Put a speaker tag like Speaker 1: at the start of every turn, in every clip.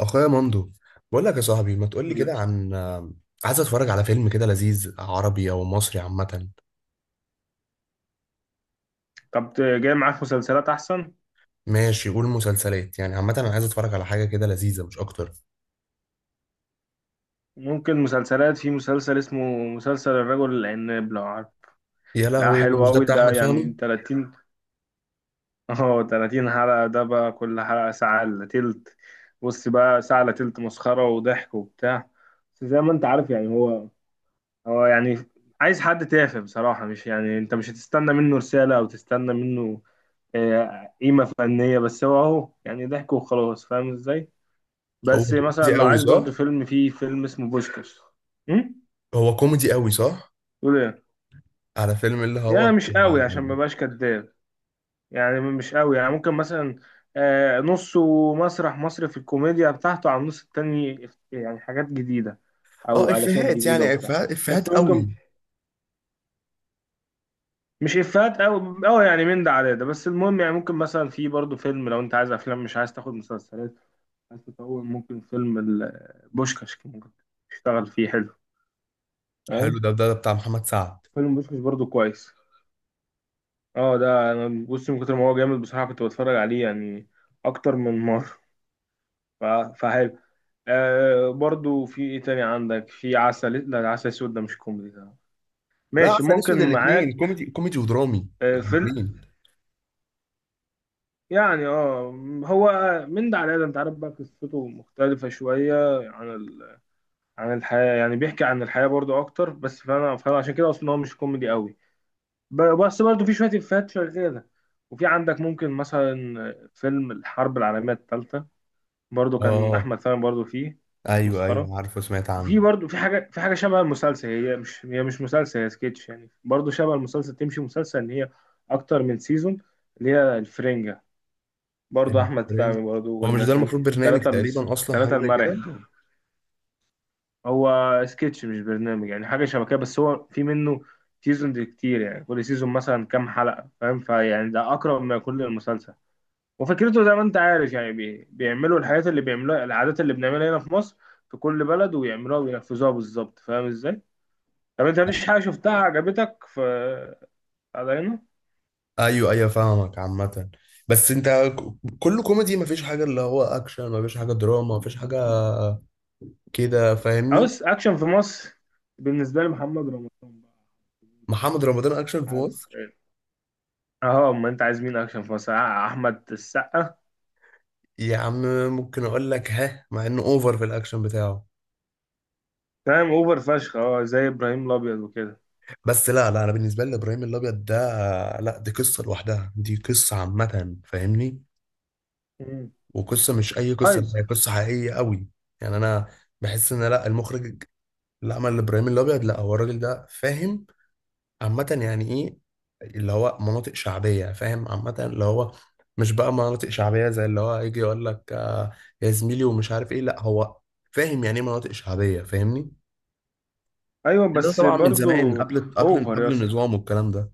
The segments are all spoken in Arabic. Speaker 1: اخويا مندو، بقول لك يا صاحبي ما تقول لي
Speaker 2: قولي.
Speaker 1: كده عن عايز اتفرج على فيلم كده لذيذ عربي او مصري عامه.
Speaker 2: طب جاي معاك مسلسلات احسن.
Speaker 1: ماشي، قول مسلسلات، يعني عامه انا عايز اتفرج على حاجه كده لذيذه مش اكتر.
Speaker 2: ممكن مسلسلات، في مسلسل اسمه مسلسل الرجل العناب لو عارف.
Speaker 1: يا
Speaker 2: ده
Speaker 1: لهوي،
Speaker 2: حلو
Speaker 1: مش ده
Speaker 2: قوي
Speaker 1: بتاع
Speaker 2: ده،
Speaker 1: احمد
Speaker 2: يعني
Speaker 1: فهمي؟
Speaker 2: 30، اه 30 حلقة. ده بقى كل حلقة ساعة الا تلت. بص بقى ساعة الا تلت مسخرة وضحك وبتاع. بس زي ما انت عارف يعني هو يعني عايز حد تافه بصراحة، مش يعني انت مش هتستنى منه رسالة او تستنى منه قيمة فنية، بس هو اهو يعني ضحك وخلاص، فاهم ازاي.
Speaker 1: هو
Speaker 2: بس مثلا
Speaker 1: كوميدي
Speaker 2: لو
Speaker 1: قوي
Speaker 2: عايز
Speaker 1: صح؟
Speaker 2: برضو فيلم، فيه فيلم اسمه بوشكاش. امم
Speaker 1: هو كوميدي قوي صح؟
Speaker 2: تقول ايه؟
Speaker 1: على فيلم اللي هو
Speaker 2: يعني مش قوي عشان ما بقاش كداب. يعني مش قوي، يعني ممكن مثلا نصه مسرح مصري في الكوميديا بتاعته، على النص التاني يعني حاجات جديدة
Speaker 1: اه
Speaker 2: او علاشات
Speaker 1: افيهات،
Speaker 2: جديدة
Speaker 1: يعني
Speaker 2: وبتاع.
Speaker 1: افيهات
Speaker 2: بس
Speaker 1: قوي.
Speaker 2: ممكن، مش افيهات او او يعني من ده على ده، بس المهم يعني ممكن مثلا في برضو فيلم، لو انت عايز افلام مش عايز تاخد مسلسلات، عايز تطول، ممكن فيلم بوشكاش، ممكن تشتغل فيه حلو.
Speaker 1: حلو
Speaker 2: تمام.
Speaker 1: ده, بتاع محمد سعد.
Speaker 2: فيلم بوشكاش برضو كويس. اه ده انا بص، من كتر ما هو جامد بصراحه كنت بتفرج عليه يعني اكتر من مره. ف- فحلو. آه برضو في ايه تاني عندك؟ في عسل، لا ده عسل اسود، ده مش كوميدي ده.
Speaker 1: لا
Speaker 2: ماشي
Speaker 1: عسل
Speaker 2: ممكن
Speaker 1: اسود الاثنين
Speaker 2: معاك.
Speaker 1: كوميدي ودرامي
Speaker 2: آه فيلم،
Speaker 1: الاثنين.
Speaker 2: يعني اه، هو من ده على ده، انت عارف بقى قصته مختلفه شويه عن عن الحياه، يعني بيحكي عن الحياه برضو اكتر، بس فانا عشان كده اصلا هو مش كوميدي قوي. بس برضو في شويه افيهات شغاله. وفي عندك ممكن مثلا فيلم الحرب العالميه الثالثه، برضو كان
Speaker 1: اه،
Speaker 2: احمد سامي برضو فيه.
Speaker 1: ايوه
Speaker 2: مسخره.
Speaker 1: ايوه، عارفه سمعت
Speaker 2: وفي
Speaker 1: عنه.
Speaker 2: برضو في حاجه، في حاجه شبه المسلسل، هي مش مسلسل، هي سكتش يعني، برضو شبه المسلسل، تمشي مسلسل ان هي اكتر من سيزون، اللي هي الفرنجه، برضو احمد
Speaker 1: البرنس،
Speaker 2: سامي برضو
Speaker 1: هو مش ده
Speaker 2: والناس دي.
Speaker 1: المفروض برنامج
Speaker 2: ثلاثه،
Speaker 1: تقريبا اصلا حاجه
Speaker 2: ثلاثه
Speaker 1: زي
Speaker 2: المرح
Speaker 1: كده؟
Speaker 2: دول. هو سكتش مش برنامج، يعني حاجه شبه كده، بس هو في منه سيزون كتير يعني، كل سيزون مثلا كام حلقه، فاهم؟ فيعني ده اقرب ما يكون للمسلسل. وفكرته زي ما انت عارف يعني بيعملوا الحاجات اللي بيعملوها، العادات اللي بنعملها هنا في مصر، في كل بلد ويعملوها وينفذوها بالظبط، فاهم ازاي؟ طب انت مفيش حاجة شفتها عجبتك في، على هنا؟
Speaker 1: ايوه ايوه فاهمك عامه. بس انت كله كوميدي، مفيش حاجه اللي هو اكشن، مفيش حاجه دراما، مفيش حاجه كده، فاهمني؟
Speaker 2: عاوز اكشن في مصر؟ بالنسبة لي محمد رمضان بقى،
Speaker 1: محمد رمضان اكشن في
Speaker 2: عارف
Speaker 1: مصر،
Speaker 2: ايه؟ اه ما انت عايز مين اكشن في مصر؟ احمد السقا.
Speaker 1: يا عم ممكن اقول لك، ها؟ مع انه اوفر في الاكشن بتاعه.
Speaker 2: فاهم، اوفر فشخ، اه زي ابراهيم الابيض وكده.
Speaker 1: بس لا لا، انا بالنسبه لي ابراهيم الابيض ده، لا دي قصه لوحدها، دي قصه عامه، فاهمني؟
Speaker 2: مم.
Speaker 1: وقصه مش اي
Speaker 2: طيب.
Speaker 1: قصه، هي قصه حقيقيه قوي. يعني انا بحس ان لا المخرج، لا ما الابراهيم الابيض، لا هو الراجل ده فاهم عامه يعني ايه اللي هو مناطق شعبيه، فاهم؟ عامه اللي هو مش بقى مناطق شعبيه زي اللي هو يجي يقول لك آه يا زميلي ومش عارف ايه، لا هو فاهم يعني ايه مناطق شعبيه، فاهمني؟
Speaker 2: ايوه
Speaker 1: يعني ده
Speaker 2: بس
Speaker 1: طبعا من
Speaker 2: برضو.
Speaker 1: زمان، قبل قبل
Speaker 2: اوفر يا
Speaker 1: قبل
Speaker 2: اسطى،
Speaker 1: النظام والكلام ده.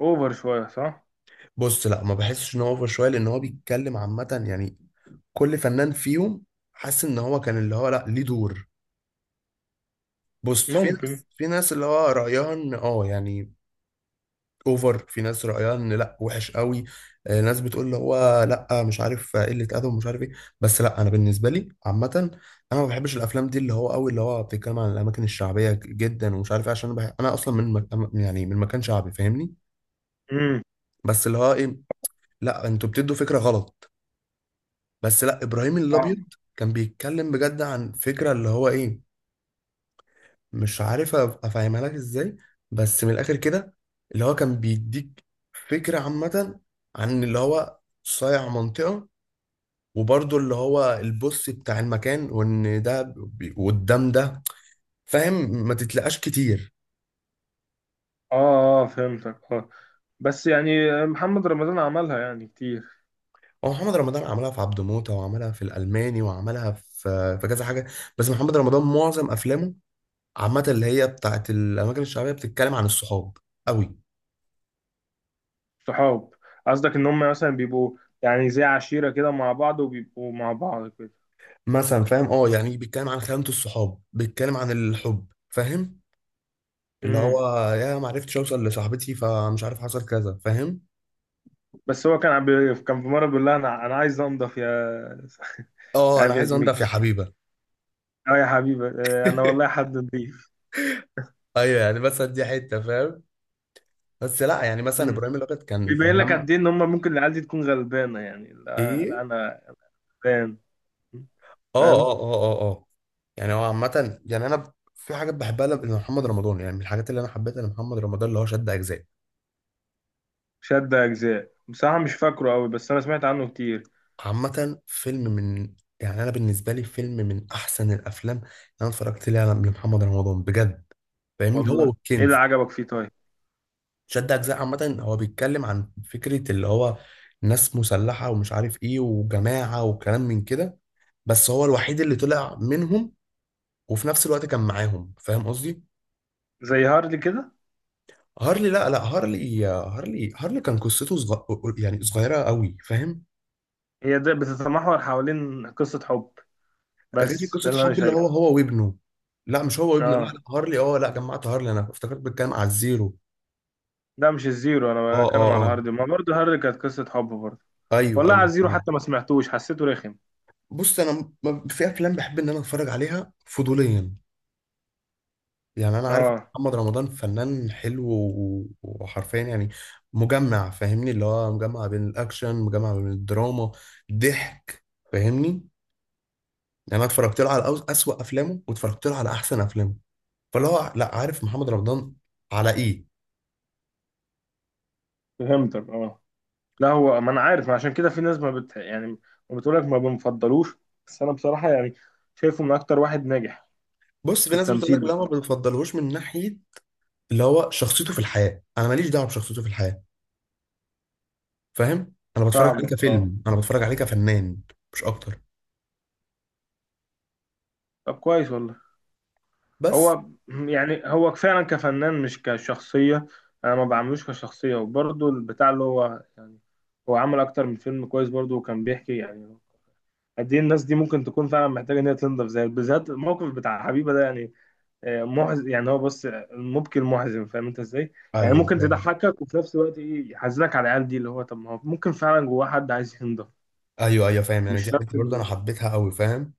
Speaker 2: اوفر شوية صح؟
Speaker 1: بص لا، ما بحسش ان هو اوفر شويه، لان هو بيتكلم عامه يعني كل فنان فيهم حاسس ان هو كان اللي هو لا ليه دور. بص،
Speaker 2: ممكن.
Speaker 1: في ناس اللي هو رايها ان اه يعني اوفر، في ناس رأيها ان لا وحش قوي، آه، ناس بتقول اللي هو لا مش عارف آه، قلة ادب ومش عارف ايه. بس لا انا بالنسبة لي عامة انا ما بحبش الافلام دي اللي هو قوي اللي هو بتتكلم عن الاماكن الشعبية جدا ومش عارف ايه، عشان انا أنا اصلا من يعني من مكان شعبي فاهمني.
Speaker 2: امم.
Speaker 1: بس اللي هو ايه، لا انتوا بتدوا فكرة غلط. بس لا، ابراهيم الابيض كان بيتكلم بجد عن فكرة اللي هو ايه، مش عارف افهمها لك ازاي، بس من الاخر كده اللي هو كان بيديك فكرة عامة عن اللي هو صايع منطقة، وبرضه اللي هو البوس بتاع المكان وان ده قدام ده، فاهم؟ ما تتلقاش كتير.
Speaker 2: اه اه فهمتك، اه. بس يعني محمد رمضان عملها يعني كتير.
Speaker 1: هو محمد رمضان عملها في عبده موتة، وعملها في الألماني، وعملها في كذا حاجة. بس محمد رمضان معظم أفلامه عامة اللي هي بتاعت الأماكن الشعبية بتتكلم عن الصحاب قوي.
Speaker 2: صحاب، قصدك ان هم مثلا بيبقوا يعني زي عشيرة كده مع بعض وبيبقوا مع بعض كده.
Speaker 1: مثلا فاهم اه، يعني بيتكلم عن خيانة الصحاب، بيتكلم عن الحب، فاهم؟ اللي
Speaker 2: امم.
Speaker 1: هو يا ما عرفتش اوصل لصاحبتي، فمش عارف حصل كذا، فاهم؟
Speaker 2: بس هو كان كان في مرة بيقول لها انا عايز انضف يا
Speaker 1: اه انا
Speaker 2: عارف يا
Speaker 1: عايز انضف يا
Speaker 2: زميكي،
Speaker 1: حبيبه.
Speaker 2: اه يا حبيبي، انا والله حد نضيف.
Speaker 1: ايوه يعني، بس دي حته فاهم. بس لا يعني مثلا
Speaker 2: امم.
Speaker 1: ابراهيم الابيض كان
Speaker 2: بيبين لك
Speaker 1: مجمع.
Speaker 2: قد ايه ان هم ممكن العيال دي تكون غلبانة، يعني لا
Speaker 1: ايه،
Speaker 2: انا غلبان،
Speaker 1: اه اه
Speaker 2: فاهم.
Speaker 1: اه اه اه اه. يعني هو عامه، يعني انا في حاجات بحبها لمحمد رمضان. يعني من الحاجات اللي انا حبيتها لمحمد رمضان اللي هو شد اجزاء.
Speaker 2: شد اجزاء بصراحة مش فاكره قوي، بس انا سمعت عنه كتير.
Speaker 1: عامه فيلم من، يعني انا بالنسبه لي فيلم من احسن الافلام اللي انا اتفرجت ليها لمحمد رمضان بجد، فاهمني؟ هو
Speaker 2: والله، ايه اللي
Speaker 1: والكنز.
Speaker 2: عجبك فيه طيب؟
Speaker 1: شد اجزاء عامه هو بيتكلم عن فكره اللي هو ناس مسلحه ومش عارف ايه وجماعه وكلام من كده، بس هو الوحيد اللي طلع منهم، وفي نفس الوقت كان معاهم، فاهم قصدي؟
Speaker 2: زي هارلي كده.
Speaker 1: هارلي لا لا، هارلي هارلي كان قصته يعني صغيره قوي، فاهم؟
Speaker 2: هي ده بتتمحور حوالين قصة حب،
Speaker 1: غير
Speaker 2: بس
Speaker 1: قصه
Speaker 2: ده اللي انا
Speaker 1: حب اللي هو
Speaker 2: شايفه.
Speaker 1: هو وابنه. لا مش هو وابنه، لا
Speaker 2: اه
Speaker 1: لا هارلي، اه لا جمعت هارلي، انا افتكرت بتكلم على الزيرو.
Speaker 2: ده مش الزيرو،
Speaker 1: اه
Speaker 2: انا بتكلم
Speaker 1: اه
Speaker 2: على
Speaker 1: اه،
Speaker 2: هارلي، ما برضه هارلي كانت قصة حب برضه.
Speaker 1: ايوه
Speaker 2: والله على
Speaker 1: ايوه
Speaker 2: الزيرو
Speaker 1: آه.
Speaker 2: حتى ما سمعتوش، حسيته رخم.
Speaker 1: بص انا في افلام بحب ان انا اتفرج عليها فضوليا. يعني انا عارف إن
Speaker 2: اه
Speaker 1: محمد رمضان فنان حلو وحرفيا يعني مجمع، فاهمني؟ اللي هو مجمع بين الاكشن، مجمع بين الدراما، ضحك، فاهمني؟ يعني انا اتفرجت له على اسوأ افلامه، واتفرجت له على احسن افلامه، فاللي هو لا عارف محمد رمضان على ايه.
Speaker 2: فهمتك اه. لا هو ما انا عارف، ما عشان كده في ناس ما بت يعني ما بتقولك ما بنفضلوش. بس انا بصراحة يعني شايفه من اكتر واحد ناجح
Speaker 1: بص
Speaker 2: في
Speaker 1: في ناس بتقول
Speaker 2: التمثيل
Speaker 1: لك لا ما
Speaker 2: بصراحة.
Speaker 1: بتفضلهوش من ناحيه اللي هو شخصيته في الحياه، انا ماليش دعوه بشخصيته في الحياه، فاهم؟ انا بتفرج عليه
Speaker 2: فاهمك اه.
Speaker 1: كفيلم، انا بتفرج عليه كفنان مش اكتر.
Speaker 2: طب كويس والله.
Speaker 1: بس
Speaker 2: هو فعلا كفنان مش كشخصية. أنا ما بعملوش كشخصية، وبرضه البتاع اللي هو يعني هو عمل أكتر من فيلم كويس برضه، وكان بيحكي يعني قد إيه الناس دي ممكن تكون فعلا محتاجة إن هي تنضف، زي بالذات الموقف بتاع حبيبة ده يعني محزن يعني. هو بص المبكي المحزن، فاهم أنت إزاي؟ يعني
Speaker 1: ايوه
Speaker 2: ممكن
Speaker 1: فاهم.
Speaker 2: تضحكك وفي نفس الوقت إيه يحزنك على العيال دي، اللي هو طب ما هو ممكن فعلا جواه حد عايز ينضف.
Speaker 1: ايوه ايوه فاهم، يعني
Speaker 2: مش
Speaker 1: دي حته
Speaker 2: شرط
Speaker 1: برضه انا
Speaker 2: إن
Speaker 1: حبيتها قوي، فاهم؟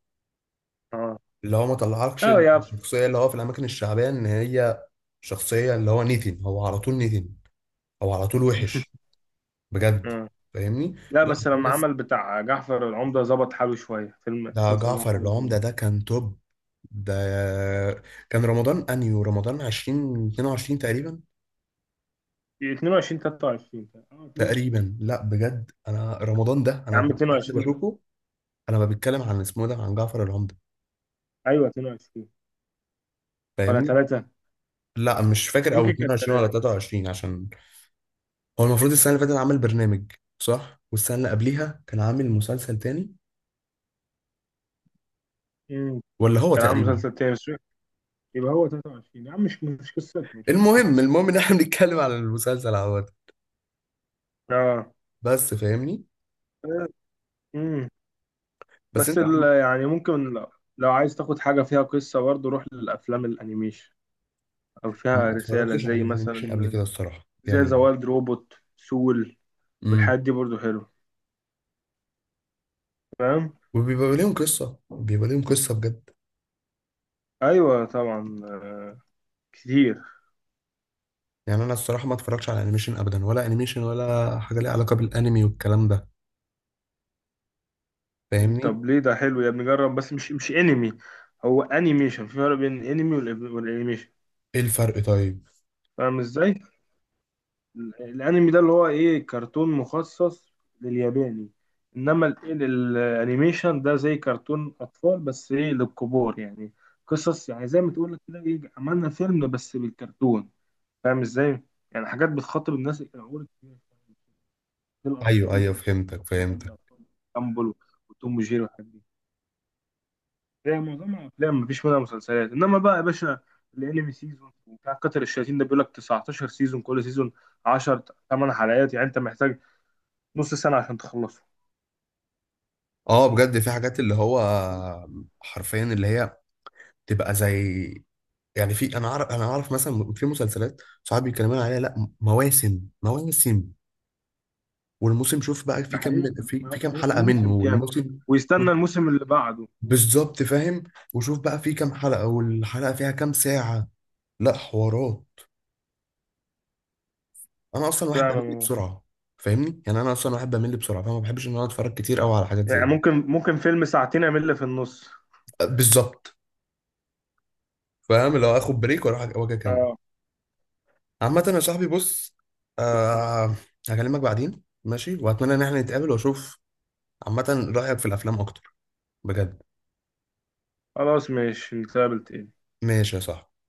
Speaker 2: آه.
Speaker 1: اللي هو ما طلعكش
Speaker 2: أه يا
Speaker 1: الشخصية اللي هو في الأماكن الشعبية إن هي شخصية اللي هو نيتن، هو على طول نيتن، هو على طول وحش، بجد.
Speaker 2: آه.
Speaker 1: فاهمني؟
Speaker 2: لا
Speaker 1: لا
Speaker 2: بس
Speaker 1: في
Speaker 2: لما
Speaker 1: ناس،
Speaker 2: عمل بتاع جعفر العمدة ظبط حاله شوية، فيلم
Speaker 1: ده
Speaker 2: مسلسل
Speaker 1: جعفر
Speaker 2: جعفر العمدة.
Speaker 1: العمدة ده كان توب. ده كان رمضان أنيو، رمضان 20 22 تقريبا،
Speaker 2: 22 23 اه 22.
Speaker 1: تقريبا. لا بجد، أنا رمضان ده أنا
Speaker 2: يا
Speaker 1: ما
Speaker 2: عم
Speaker 1: كنتش في حد
Speaker 2: 22.
Speaker 1: بشوفه. أنا ما بتكلم عن اسمه ده، عن جعفر العمدة،
Speaker 2: ايوه 22 ولا
Speaker 1: فاهمني؟
Speaker 2: 3.
Speaker 1: لا مش فاكر، أو
Speaker 2: يمكن كانت
Speaker 1: 22 ولا
Speaker 2: 3.
Speaker 1: 23، عشان هو المفروض السنة اللي فاتت عمل برنامج، صح؟ والسنة اللي قبليها كان عامل مسلسل تاني،
Speaker 2: امم.
Speaker 1: ولا هو
Speaker 2: كان عامل
Speaker 1: تقريبا.
Speaker 2: مسلسل تاني بس يبقى هو 23 يا عم، مش قصته، مش قصته.
Speaker 1: المهم ان احنا بنتكلم على المسلسل عوض،
Speaker 2: اه.
Speaker 1: بس فاهمني.
Speaker 2: امم.
Speaker 1: بس
Speaker 2: بس
Speaker 1: انت
Speaker 2: يعني ممكن لو عايز تاخد حاجة فيها قصة برضه، روح للأفلام الأنيميشن، أو
Speaker 1: ما
Speaker 2: فيها رسالة
Speaker 1: اتفرجتش على
Speaker 2: زي
Speaker 1: الانيميشن قبل
Speaker 2: مثلا
Speaker 1: كده الصراحة،
Speaker 2: زي ذا
Speaker 1: يعني
Speaker 2: وايلد روبوت سول
Speaker 1: امم،
Speaker 2: والحاجات دي برضه حلوة، فاهم؟
Speaker 1: وبيبقى ليهم قصة، بيبقى ليهم قصة بجد.
Speaker 2: ايوه طبعا، كتير.
Speaker 1: يعني انا الصراحة ما اتفرجتش على انيميشن ابدا، ولا انيميشن ولا حاجة ليها علاقة بالانمي والكلام ده، فاهمني؟
Speaker 2: طب ليه؟ ده حلو يا ابني، جرب. بس مش انمي، هو انيميشن. في فرق بين انمي والانيميشن،
Speaker 1: ايه الفرق طيب؟
Speaker 2: فاهم ازاي؟ الانمي ده اللي هو ايه، كرتون مخصص للياباني. انما الانيميشن ده زي كرتون اطفال بس ايه، للكبار يعني. قصص يعني زي ما تقول كده، ايه، عملنا فيلم بس بالكرتون، فاهم ازاي؟ يعني حاجات بتخاطب الناس العقول الكبيرة شوية، زي
Speaker 1: ايوه
Speaker 2: الاطفال،
Speaker 1: ايوه،
Speaker 2: زي الكرتون
Speaker 1: فهمتك
Speaker 2: اللي بتعمل
Speaker 1: فهمتك
Speaker 2: الاطفال. جامبل وتوم وجيري والحاجات دي، هي معظمها افلام مفيش منها مسلسلات. انما بقى يا باشا الانمي سيزون، وبتاع كتر الشياطين ده بيقول لك 19 سيزون، كل سيزون 10 8 حلقات، يعني انت محتاج نص سنه عشان تخلصه.
Speaker 1: اه بجد، في حاجات اللي هو حرفيا اللي هي تبقى زي، يعني في، انا اعرف مثلا في مسلسلات صحابي بيتكلموا عليها، لا مواسم مواسم، والموسم شوف بقى في
Speaker 2: ده
Speaker 1: كام،
Speaker 2: حقيقة
Speaker 1: في كام حلقة منه،
Speaker 2: موسم كام،
Speaker 1: والموسم شوف.
Speaker 2: ويستنى الموسم اللي بعده.
Speaker 1: بالظبط، فاهم؟ وشوف بقى في كام حلقة، والحلقة فيها كام ساعة، لا حوارات. انا اصلا واحد
Speaker 2: فعلا
Speaker 1: بمل
Speaker 2: والله.
Speaker 1: بسرعة، فاهمني؟ يعني انا اصلا واحد بمل بسرعة، فما بحبش ان انا اتفرج كتير قوي على حاجات زي
Speaker 2: يعني
Speaker 1: دي.
Speaker 2: ممكن ممكن فيلم ساعتين يعمل لي في النص،
Speaker 1: بالظبط فاهم، لو اخد بريك واروح واجي اكمل.
Speaker 2: اه.
Speaker 1: عامة يا صاحبي، بص آه، هكلمك بعدين ماشي، واتمنى ان احنا نتقابل، واشوف عامة رأيك في الافلام اكتر بجد.
Speaker 2: خلاص ماشي نتقابل تاني
Speaker 1: ماشي يا صاحبي.